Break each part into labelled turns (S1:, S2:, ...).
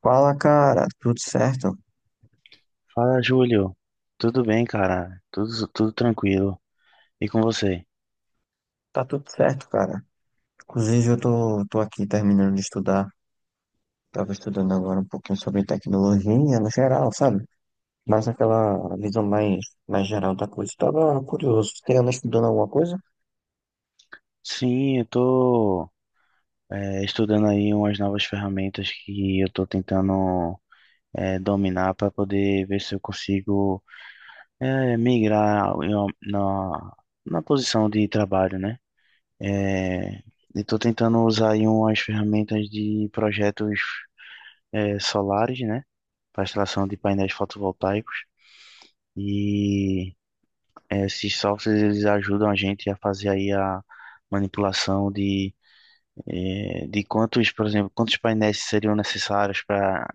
S1: Fala, cara, tudo certo?
S2: Fala, Júlio. Tudo bem, cara? Tudo tranquilo. E com você?
S1: Tá tudo certo, cara. Inclusive, eu tô aqui terminando de estudar. Tava estudando agora um pouquinho sobre tecnologia no geral, sabe? Mas aquela mais geral da coisa. Tava curioso. Você anda estudando alguma coisa?
S2: Sim, eu tô estudando aí umas novas ferramentas que eu tô tentando dominar para poder ver se eu consigo migrar na posição de trabalho, né? É, e tô tentando usar aí umas ferramentas de projetos solares, né? Para instalação de painéis fotovoltaicos. e É, esses softwares eles ajudam a gente a fazer aí a manipulação de quantos, por exemplo, quantos painéis seriam necessários para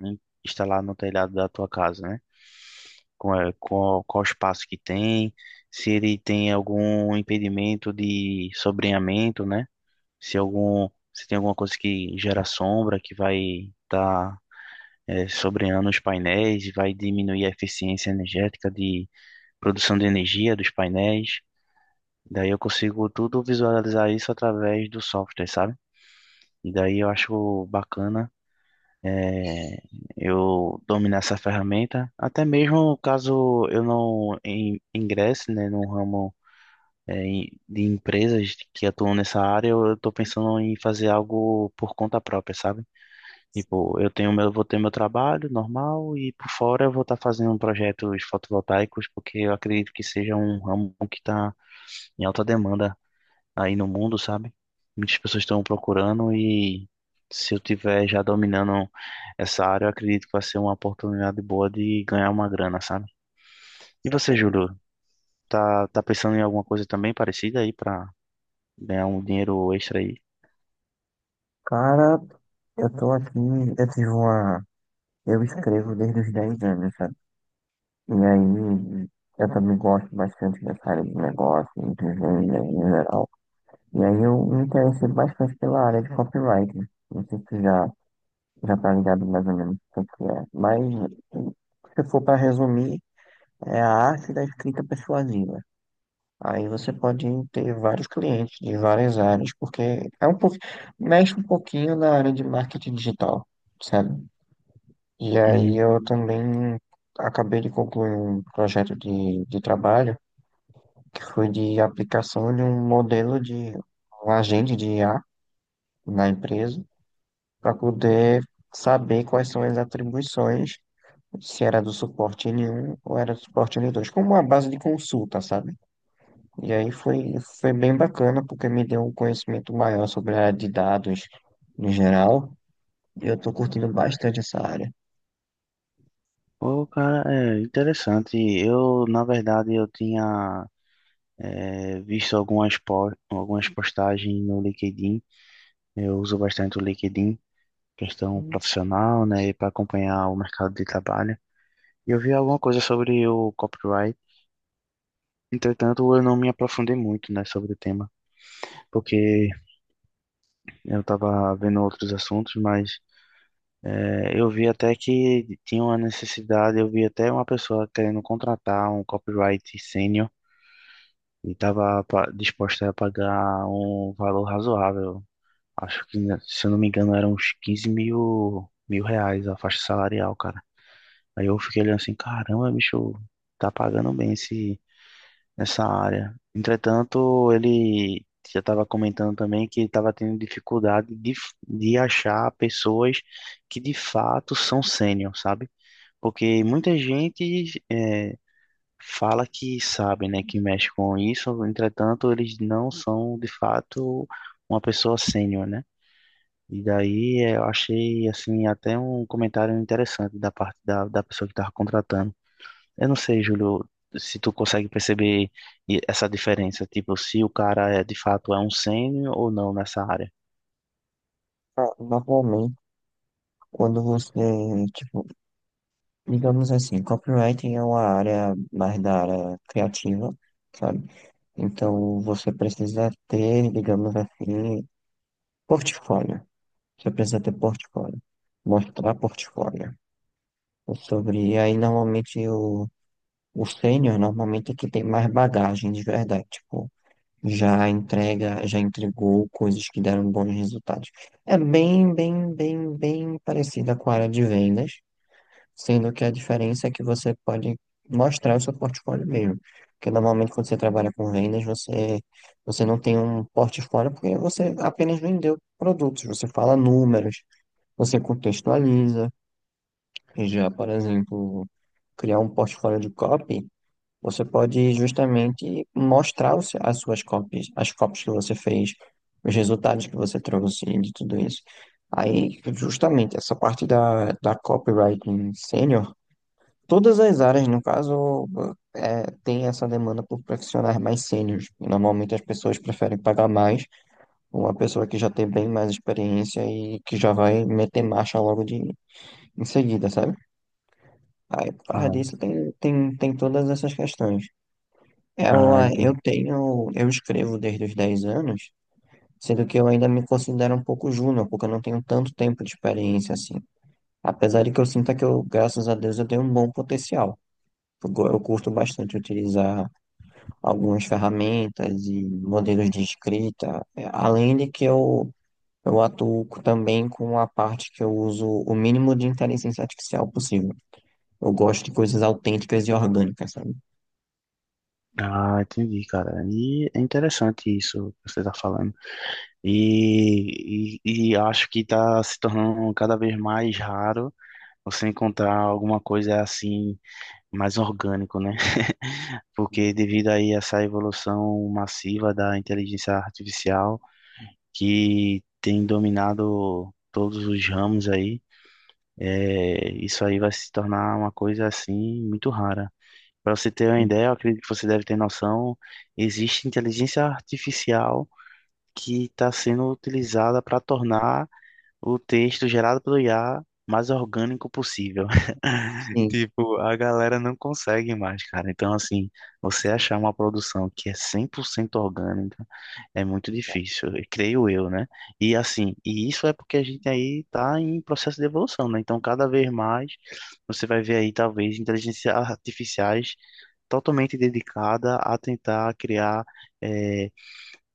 S2: instalar no telhado da tua casa, né? Qual qual espaço que tem, se ele tem algum impedimento de sobreamento, né? Se algum, se tem alguma coisa que gera sombra que vai estar, sobreando os painéis e vai diminuir a eficiência energética de produção de energia dos painéis. Daí eu consigo tudo visualizar isso através do software, sabe? E daí eu acho bacana é, eu dominar essa ferramenta, até mesmo caso eu ingresse, né, no ramo de empresas que atuam nessa área. Eu estou pensando em fazer algo por conta própria, sabe? Tipo, vou ter meu trabalho normal e, por fora, eu vou estar fazendo projetos fotovoltaicos, porque eu acredito que seja um ramo que está em alta demanda aí no mundo, sabe? Muitas pessoas estão procurando e, se eu tiver já dominando essa área, eu acredito que vai ser uma oportunidade boa de ganhar uma grana, sabe? E você,
S1: Certeza.
S2: Júlio, tá pensando em alguma coisa também parecida aí pra ganhar um dinheiro extra aí?
S1: Cara, eu tô aqui, eu tive uma. Eu escrevo desde os 10 anos, sabe? E aí, eu também gosto bastante dessa área de negócio, inteligência em geral. E aí eu me interessei bastante pela área de copyright. Não sei se já tá ligado mais ou menos o que que é. Mas se for para resumir, é a arte da escrita persuasiva. Aí você pode ter vários clientes de várias áreas, porque mexe um pouquinho na área de marketing digital, sabe? E aí eu
S2: Hum.
S1: também acabei de concluir um projeto de trabalho que foi de aplicação de um modelo de um agente de IA na empresa para poder saber quais são as atribuições, se era do suporte N1 ou era do suporte N2 como uma base de consulta, sabe? E aí foi bem bacana, porque me deu um conhecimento maior sobre a área de dados no geral, e eu tô curtindo bastante essa área.
S2: Pô, cara, é interessante. Eu, na verdade, eu tinha visto algumas, algumas postagens no LinkedIn. Eu uso bastante o LinkedIn, questão profissional, né, para acompanhar o mercado de trabalho. Eu vi alguma coisa sobre o copyright, entretanto eu não me aprofundei muito, né, sobre o tema, porque eu estava vendo outros assuntos, mas eu vi até que tinha uma necessidade, eu vi até uma pessoa querendo contratar um copyright sênior e estava disposta a pagar um valor razoável. Acho que, né, se eu não me engano, eram uns mil reais a faixa salarial, cara. Aí eu fiquei olhando assim, caramba, bicho, tá pagando bem esse nessa área. Entretanto, ele já estava comentando também que estava tendo dificuldade de achar pessoas que de fato são sênior, sabe? Porque muita gente fala que sabe, né, que mexe com isso, entretanto, eles não são de fato uma pessoa sênior, né? E daí eu achei assim até um comentário interessante da parte da pessoa que estava contratando. Eu não sei, Júlio, se tu consegue perceber essa diferença, tipo, se o cara é de fato um sênior ou não nessa área.
S1: Ah, normalmente, quando você, tipo, copywriting é uma área mais da área criativa, sabe? Então, você precisa ter, digamos assim, portfólio. Você precisa ter portfólio. Mostrar portfólio. Aí normalmente o sênior normalmente é que tem mais bagagem de verdade. Tipo, já entregou coisas que deram bons resultados. É bem parecida com a área de vendas, sendo que a diferença é que você pode mostrar o seu portfólio mesmo. Porque normalmente quando você trabalha com vendas, você não tem um portfólio porque você apenas vendeu produtos, você fala números, você contextualiza, e já, por exemplo, criar um portfólio de copy, você pode justamente mostrar o se- as suas copies, as copies que você fez, os resultados que você trouxe de tudo isso. Aí, justamente, essa parte da copywriting sênior, todas as áreas, no caso, é, tem essa demanda por profissionais mais sêniores. E, normalmente as pessoas preferem pagar mais uma pessoa que já tem bem mais experiência e que já vai meter marcha logo de em seguida, sabe? Aí, por causa
S2: Ah,
S1: disso, tem todas essas questões. Eu,
S2: ah,
S1: ah, eu
S2: entendi.
S1: tenho, eu escrevo desde os 10 anos, sendo que eu ainda me considero um pouco júnior, porque eu não tenho tanto tempo de experiência assim. Apesar de que eu sinta que eu, graças a Deus, eu tenho um bom potencial. Eu curto bastante utilizar algumas ferramentas e modelos de escrita. É, além de eu atuo também com a parte que eu uso o mínimo de inteligência artificial possível. Eu gosto de coisas autênticas e orgânicas, sabe?
S2: Ah, entendi, cara. E é interessante isso que você está falando. E acho que está se tornando cada vez mais raro você encontrar alguma coisa assim mais orgânico, né? Porque devido aí a essa evolução massiva da inteligência artificial que tem dominado todos os ramos aí. É, isso aí vai se tornar uma coisa assim muito rara. Para você ter uma ideia, eu acredito que você deve ter noção, existe inteligência artificial que está sendo utilizada para tornar o texto gerado pelo IA mais orgânico possível.
S1: Sim.
S2: Tipo, a galera não consegue mais, cara. Então, assim, você achar uma produção que é 100% orgânica é muito difícil, creio eu, né? E, assim, e isso é porque a gente aí tá em processo de evolução, né? Então, cada vez mais você vai ver aí, talvez, inteligências artificiais totalmente dedicada a tentar criar eh,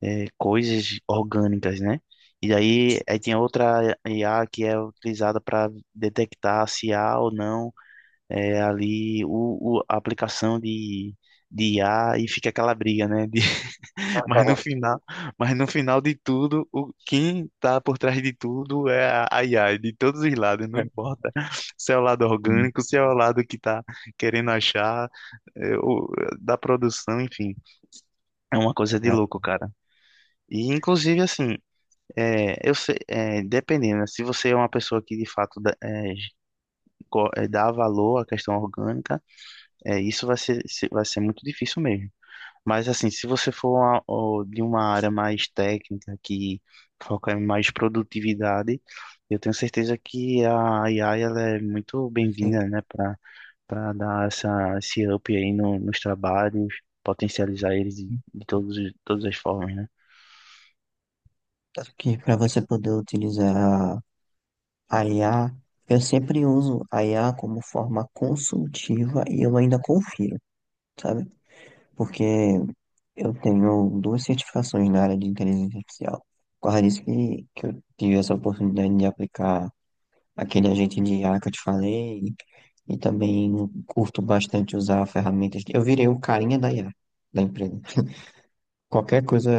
S2: coisas orgânicas, né? Aí tem outra IA que é utilizada para detectar se há ou não ali a aplicação de I a, e fica aquela briga, né? Mas no final, mas no final de tudo, quem tá por trás de tudo é a I a de todos os lados, não importa se é o lado orgânico, se é o lado que tá querendo achar, é, o- da produção, enfim, é uma coisa de louco, cara. E, inclusive, assim, eu sei, dependendo, né, se você é uma pessoa que de fato dá, dá valor à questão orgânica, é, isso vai ser, se- vai ser muito difícil mesmo. Mas assim, se você for de uma área mais técnica, que foca em mais produtividade, eu tenho certeza que a AI ela é muito bem-vinda, né, para dar esse up aí nos trabalhos, potencializar eles de todos, todas as formas, né?
S1: Tanto que para você poder utilizar a I a IA, eu sempre uso a IA como forma consultiva e eu ainda confio, sabe? Porque eu tenho duas certificações na área de inteligência artificial. Por causa disso que eu tive essa oportunidade de aplicar aquele agente de IA que eu te falei, e também curto bastante usar ferramentas. Eu virei o carinha da IA, da empresa. Qualquer coisa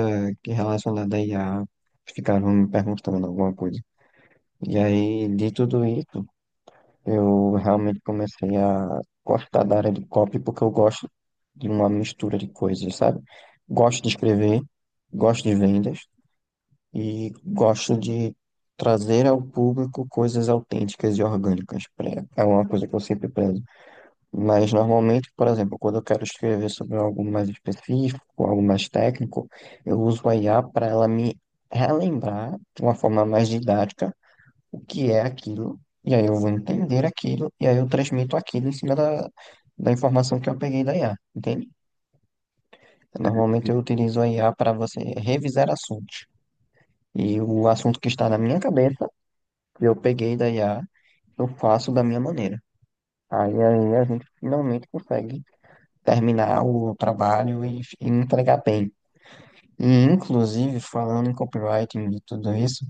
S1: que relacionada à IA, ficaram me perguntando alguma coisa. E aí, de tudo isso, eu realmente comecei a gostar da área de copy porque eu gosto de uma mistura de coisas, sabe? Gosto de escrever, gosto de vendas, e gosto de trazer ao público coisas autênticas e orgânicas. É uma coisa que eu sempre prezo. Mas normalmente, por exemplo, quando eu quero escrever sobre algo mais específico, algo mais técnico, eu uso a IA para ela me relembrar de uma forma mais didática o que é aquilo, e aí eu vou entender aquilo, e aí eu transmito aquilo em cima da informação que eu peguei da IA, entende? Normalmente eu utilizo a IA para você revisar assuntos. E o assunto que está na minha cabeça, eu peguei da IA, eu faço da minha maneira. Aí a gente finalmente consegue terminar o trabalho e entregar bem. E, inclusive, falando em copywriting e tudo isso,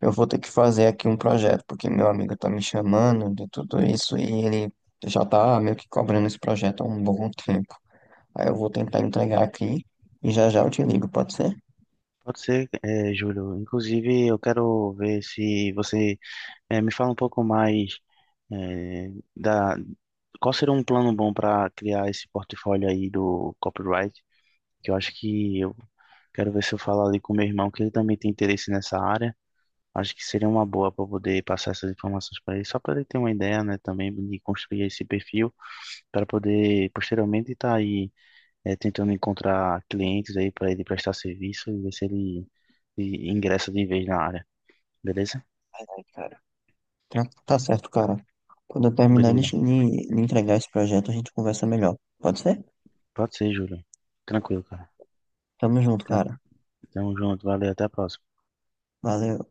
S1: eu vou ter que fazer aqui um projeto, porque meu amigo tá me chamando de tudo isso e ele já tá meio que cobrando esse projeto há um bom tempo. Aí eu vou tentar entregar aqui e já já eu te ligo, pode ser?
S2: Pode ser, é, Júlio. Inclusive, eu quero ver se você é, me fala um pouco mais é, da qual seria um plano bom para criar esse portfólio aí do copyright, que eu acho que eu quero ver se eu falo ali com meu irmão, que ele também tem interesse nessa área. Acho que seria uma boa para poder passar essas informações para ele, só para ele ter uma ideia, né, também de construir esse perfil para poder posteriormente estar aí tentando encontrar clientes aí para ele prestar serviço e ver se ele ingressa de vez na área. Beleza?
S1: Ai, cara. Tá certo, cara. Quando eu terminar de,
S2: Beleza.
S1: de de entregar esse projeto, a gente conversa melhor. Pode ser?
S2: Pode ser, Júlio. Tranquilo, cara.
S1: Tamo junto, cara.
S2: Tamo junto, valeu, até a próxima.
S1: Valeu.